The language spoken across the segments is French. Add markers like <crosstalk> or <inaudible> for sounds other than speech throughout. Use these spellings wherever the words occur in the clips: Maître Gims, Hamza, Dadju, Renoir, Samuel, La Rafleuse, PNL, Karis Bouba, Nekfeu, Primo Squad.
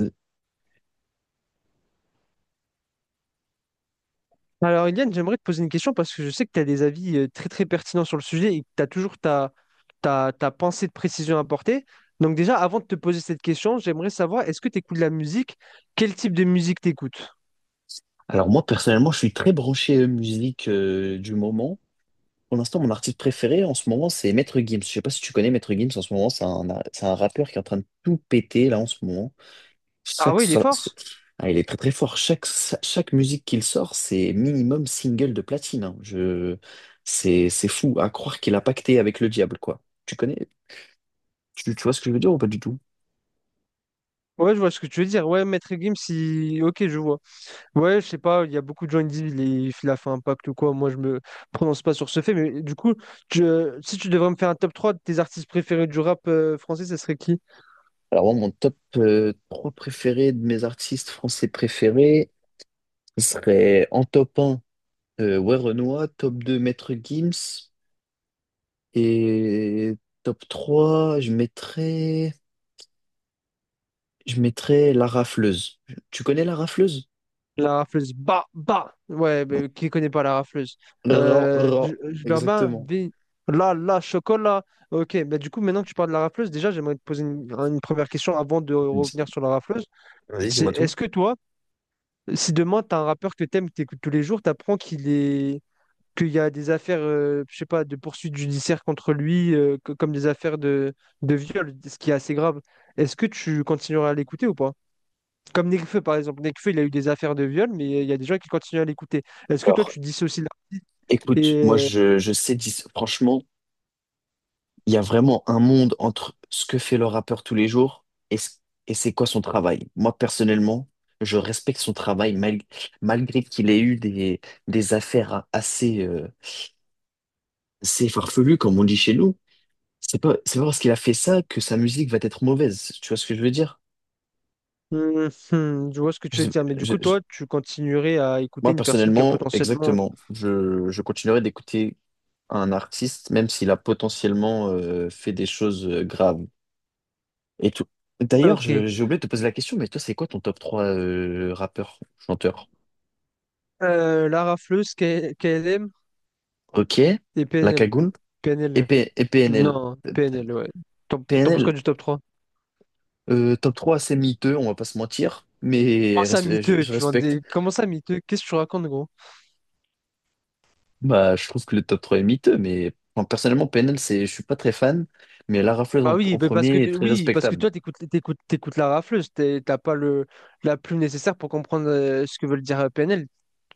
Euh, Alors, Eliane, j'aimerais te poser une question parce que je sais que tu as des avis très très pertinents sur le sujet et que tu as toujours ta pensée de précision à apporter. Donc déjà, avant de te poser cette question, j'aimerais savoir, est-ce que tu écoutes de la musique? Quel type de musique t'écoutes? Alors moi personnellement, je suis très branché musique du moment. Pour l'instant, mon artiste préféré en ce moment, c'est Maître Gims. Je sais pas si tu connais Maître Gims en ce moment, c'est un rappeur qui est en train de tout péter là en ce moment. Ah Chaque oui, il est so- fort. Ah, il est très très fort. Chaque musique qu'il sort, c'est minimum single de platine, hein. Je... c'est fou à croire qu'il a pacté avec le diable, quoi. Tu connais? Tu vois ce que je veux dire ou pas du tout? Ouais, je vois ce que tu veux dire. Ouais, Maître Gims, si... Ok, je vois. Ouais, je sais pas, il y a beaucoup de gens qui disent il a fait un pacte ou quoi. Moi, je me prononce pas sur ce fait, mais du coup, si tu devrais me faire un top 3 de tes artistes préférés du rap français, ça serait qui? Alors moi, mon top 3 préféré de mes artistes français préférés ce serait en top 1. Ouais, Renoir, top 2, Maître Gims. Et top 3, je mettrais la rafleuse. Tu connais la rafleuse? La rafleuse. Bah, bah! Ouais, Non. mais qui connaît pas la rafleuse? Ra- Euh, ra- je je leur mets un exactement. des- Là, là, chocolat. Ok, bah du coup, maintenant que tu parles de la rafleuse, déjà, j'aimerais te poser une première question avant de revenir Di- sur la rafleuse. Vas-y, C'est dis-moi tout. est-ce que toi, si demain, t'as un rappeur que t'aimes, que t'écoutes tous les jours, t'apprends qu'il y a des affaires, je sais pas, de poursuites judiciaires contre lui, comme des affaires de viol, ce qui est assez grave. Est-ce que tu continueras à l'écouter ou pas? Comme Nekfeu, par exemple. Nekfeu, il a eu des affaires de viol, mais il y a des gens qui continuent à l'écouter. Est-ce que toi, Alors, tu dissocies l'artiste écoute, et... moi, euh, je sais, dis- franchement, il y a vraiment un monde entre ce que fait le rappeur tous les jours et c'est quoi son travail. Moi, personnellement, je respecte son travail malgré qu'il ait eu des affaires assez, assez farfelues, comme on dit chez nous. C'est pas parce qu'il a fait ça que sa musique va être mauvaise. Tu vois ce que je veux dire? <laughs> Je vois ce que Je tu veux sais- dire, mais du coup, je- toi, tu continuerais à écouter moi, une personne qui a personnellement, potentiellement... exactement. Je continuerai d'écouter un artiste, même s'il a potentiellement fait des choses graves. Et tout. Ah, D'ailleurs, Ok. j'ai oublié de te poser la question, mais toi, c'est quoi ton top 3 rappeur, chanteur? Lara Fleuse, KLM Ok, et La PNL. Cagoule PNL. Et PNL. Non, PNL, ouais. T'en Euh, t'en penses quoi PNL, du top trois? euh, Top 3 c'est miteux, on va pas se mentir, Comment mais ça miteux? je Tu vends respecte. des... Comment ça miteux? Qu'est-ce que tu racontes, gros? Bah, je trouve que le top 3 est miteux, mais enfin, personnellement, je suis pas très fan, mais La Rafleuse Bah oui, en bah parce que premier est très oui, parce que respectable. toi, t'écoutes la rafleuse, t'as pas le la plume nécessaire pour comprendre ce que veut le dire PNL.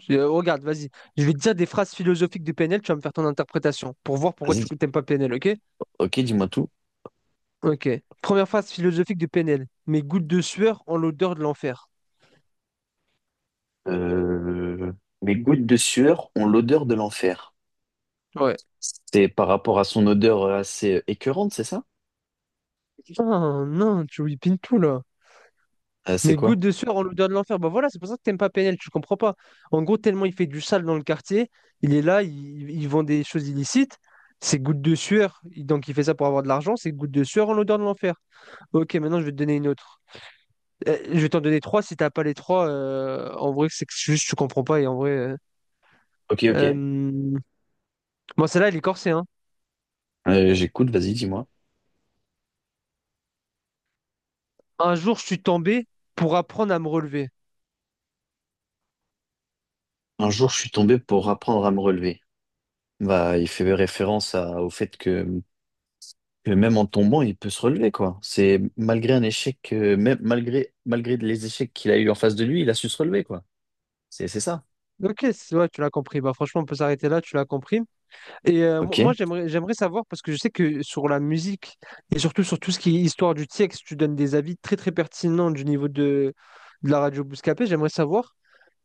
Regarde, vas-y, je vais te dire des phrases philosophiques de PNL, tu vas me faire ton interprétation pour voir pourquoi tu Vas-y, t'aimes pas PNL, ok? ok, dis-moi tout. Ok. Première phrase philosophique de PNL. Mes gouttes de sueur ont l'odeur de l'enfer. Euh, mes gouttes de sueur ont l'odeur de l'enfer. Ouais. C'est par rapport à son odeur assez écœurante, c'est ça? Putain, non, tu whippines tout là. C'est Mais goutte quoi? de sueur en l'odeur de l'enfer. Bah voilà, c'est pour ça que t'aimes pas PNL, tu comprends pas. En gros, tellement il fait du sale dans le quartier, il est là, il vend des choses illicites. C'est goutte de sueur, donc il fait ça pour avoir de l'argent, c'est goutte de sueur en l'odeur de l'enfer. Ok, maintenant je vais te donner une autre. Je vais t'en donner trois, si t'as pas les trois, en vrai, c'est que juste tu comprends pas et en vrai. Ok, ok. euh, Bon, celle-là, elle est corsée, hein. J'écoute, vas-y, dis-moi. Un jour, je suis tombé pour apprendre à me relever. Un jour, je suis tombé pour apprendre à me relever. Bah, il fait au fait que même en tombant, il peut se relever, quoi. C'est malgré un échec, malgré les échecs qu'il a eu en face de lui, il a su se relever, quoi. C'est ça. Ok, ouais, tu l'as compris. Bah franchement, on peut s'arrêter là, tu l'as compris. Et moi, Ok. j'aimerais savoir, parce que je sais que sur la musique, et surtout sur tout ce qui est histoire du texte, tu donnes des avis très très pertinents du niveau de la radio Bouscapé. J'aimerais savoir,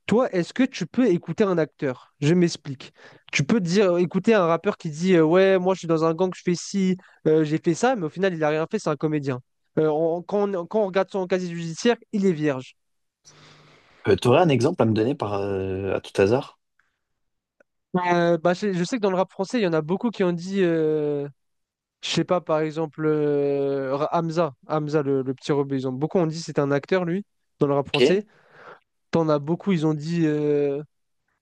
toi, est-ce que tu peux écouter un acteur? Je m'explique. Tu peux dire, écouter un rappeur qui dit, ouais, moi je suis dans un gang, je fais ci, j'ai fait ça, mais au final, il n'a rien fait, c'est un comédien. Quand on regarde son casier judiciaire, il est vierge. T'aurais un exemple à me donner par, à tout hasard? Bah, je sais que dans le rap français, il y en a beaucoup qui ont dit. Je sais pas, par exemple, Hamza, le petit rebeu, ils ont beaucoup, on dit c'est un acteur, lui, dans le rap Ok. français. T'en as beaucoup, ils ont dit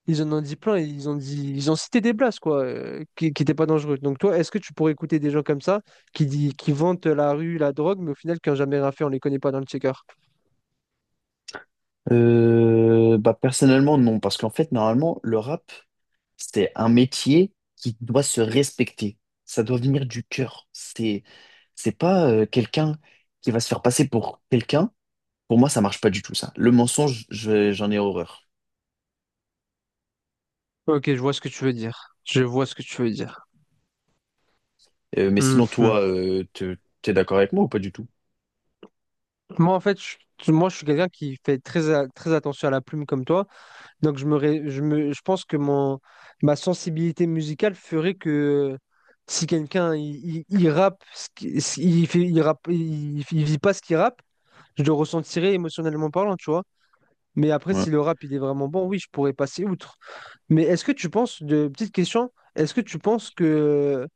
ils en ont dit plein, ils ont cité des blagues quoi, qui n'étaient pas dangereuses. Donc toi, est-ce que tu pourrais écouter des gens comme ça qui vantent la rue, la drogue, mais au final qui n'ont jamais rien fait, on les connaît pas dans le checker. Bah, personnellement, non, parce qu'en fait, normalement, le rap, c'est un métier qui doit se respecter. Ça doit venir du cœur. C'est pas quelqu'un qui va se faire passer pour quelqu'un. Pour moi, ça marche pas du tout, ça. Le mensonge, j'en ai horreur. Ok, je vois ce que tu veux dire. Je vois ce que tu veux dire. Mais sinon, Mhm. toi, t'es d'accord avec moi ou pas du tout? Moi, en fait, je suis quelqu'un qui fait très attention à la plume comme toi. Donc je me, ré- je me, je pense que ma sensibilité musicale ferait que si quelqu'un il rappe, ce qui- ce- il fait, il vit pas ce qu'il rappe, je le ressentirais émotionnellement parlant, tu vois. Mais après, Ouais. si le rap il est vraiment bon, oui, je pourrais passer outre. Mais est-ce que tu penses, de petite question, est-ce que tu penses que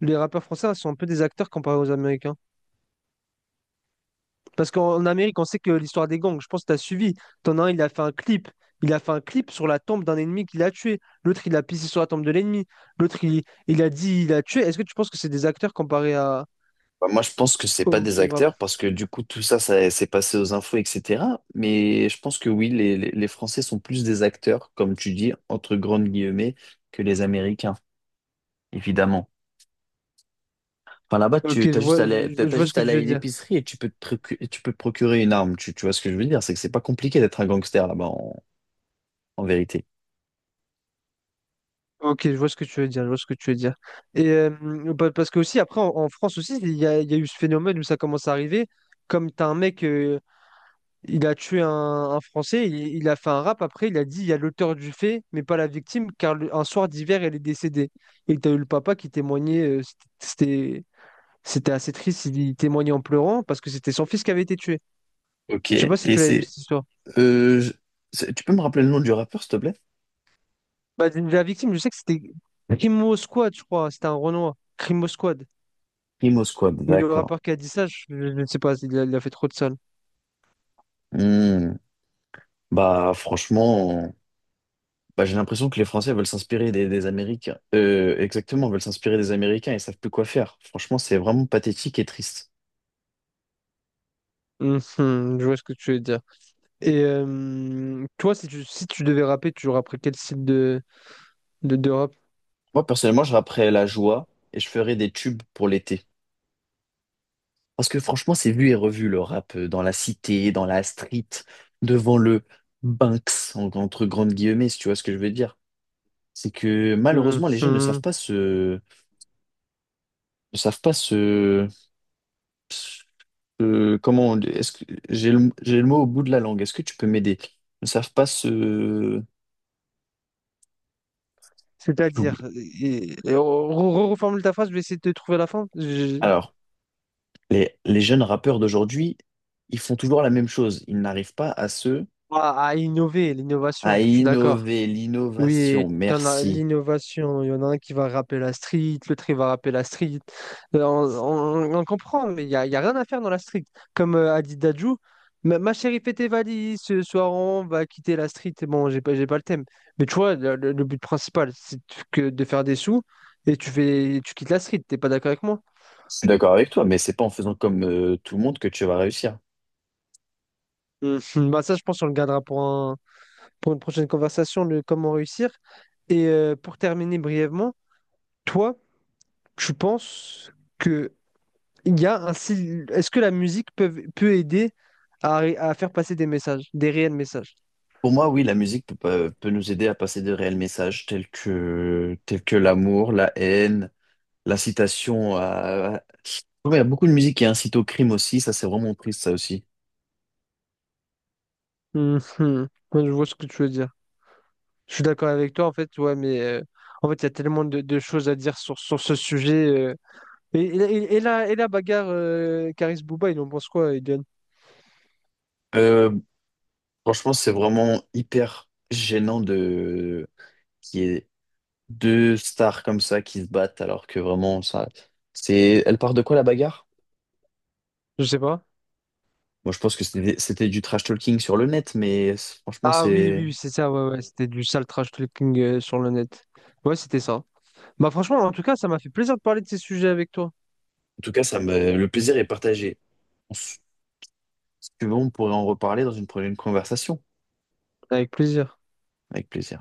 les rappeurs français sont un peu des acteurs comparés aux Américains? Parce qu'en Amérique, on sait que l'histoire des gangs, je pense que tu as suivi. T'en as un, il a fait un clip. Il a fait un clip sur la tombe d'un ennemi qu'il a tué. L'autre, il a pissé sur la tombe de l'ennemi. L'autre, il a dit, il a tué. Est-ce que tu penses que c'est des acteurs comparés à, Bah, moi, je pense que c'est pas au, des au rap? acteurs parce que du coup, tout ça, ça s'est passé aux infos, etc. Mais je pense que oui, les Français sont plus des acteurs, comme tu dis, entre grandes guillemets, que les Américains, évidemment. Enfin, là-bas, Ok, tu t'as je juste à vois, aller, je, je t'as vois ce juste à que tu aller à veux une dire. épicerie et tu peux et tu peux te procurer une arme. Tu vois ce que je veux dire? C'est que c'est pas compliqué d'être un gangster en vérité. Ok, je vois ce que tu veux dire. Je vois ce que tu veux dire. Et parce que aussi, après, en France aussi, il y a eu ce phénomène où ça commence à arriver. Comme t'as un mec. Il a tué un Français, il a fait un rap après, il a dit il y a l'auteur du fait, mais pas la victime, car un soir d'hiver, elle est décédée. Et t'as eu le papa qui témoignait, c'était c'était assez triste, il témoignait en pleurant parce que c'était son fils qui avait été tué. Ok, Je sais pas si et tu l'avais vu c'est... cette histoire. euh, je- tu peux me rappeler le nom du rappeur, s'il te plaît? Bah, la victime, je sais que c'était Crimo Squad, je crois, c'était un Renoir, Crimo Squad. Primo Squad, Mais le d'accord. rappeur qui a dit ça, je ne sais pas, il a fait trop de sale. Hmm. Bah franchement, bah, j'ai l'impression que les Français veulent s'inspirer des Américains. Exactement, veulent s'inspirer des Américains et savent plus quoi faire. Franchement, c'est vraiment pathétique et triste. Mhm, je vois ce que tu veux dire. Et toi, si tu devais rapper, tu rapperais quel style de rap? Moi, personnellement, je rapperais la joie et je ferais des tubes pour l'été. Parce que franchement, c'est vu et revu le rap dans la cité, dans la street, devant le Banks, entre grandes guillemets, si tu vois ce que je veux dire. C'est que malheureusement, les jeunes ne savent Mhm. pas se. Ne savent pas se. Est-ce que j'ai j'ai le mot au bout de la langue. Est-ce que tu peux m'aider? Ne savent pas se. C'est-à-dire, J'oublie. et on reformule ta phrase, je vais essayer de trouver la fin. Je- Alors, les jeunes rappeurs d'aujourd'hui, ils font toujours la même chose. Ils n'arrivent pas à se. À innover, À l'innovation, je suis d'accord. innover. Oui, L'innovation, t'en as merci. l'innovation, il y en a un qui va rappeler la street, l'autre il va rappeler la street. On comprend, mais il y a rien à faire dans la street. Comme a dit Dadju, ma chérie, fais tes valises, ce soir on va quitter la street. Bon, j'ai pas le thème. Mais tu vois, le but principal, c'est que de faire des sous et tu fais, tu quittes la street, t'es pas d'accord avec moi? Je suis d'accord avec toi, mais c'est pas en faisant comme tout le monde que tu vas réussir. Mhm. Bah ça, je pense qu'on le gardera pour une prochaine conversation, le comment réussir. Et pour terminer brièvement, toi, tu penses que il y a un sil- est-ce que la musique peut aider à faire passer des réels messages? Pour moi, oui, la musique peut, pas- peut nous aider à passer de réels messages tels que l'amour, la haine, l'incitation à... Ouais, il y a beaucoup de musique qui incite au crime aussi, ça c'est vraiment triste ça aussi. Mhm. Ouais, je vois ce que tu veux dire. Je suis d'accord avec toi, en fait, ouais, mais en fait, il y a tellement de choses à dire sur ce sujet. Et la bagarre Karis Bouba, il en pense quoi, Eden? Euh, franchement, c'est vraiment hyper gênant de qu'il y ait deux stars comme ça qui se battent alors que vraiment ça... C'est elle part de quoi la bagarre? Je sais pas. Moi je pense que c'était du trash talking sur le net, franchement Ah oui, oui, c'est... oui, c'est ça, ouais, ouais, c'était du sale trash talking sur le net. Ouais, c'était ça. Bah franchement, en tout cas, ça m'a fait plaisir de parler de ces sujets avec toi. En tout cas, ça me... le plaisir est partagé. Si tu veux, on pourrait en reparler dans une prochaine conversation. Avec plaisir. Avec plaisir.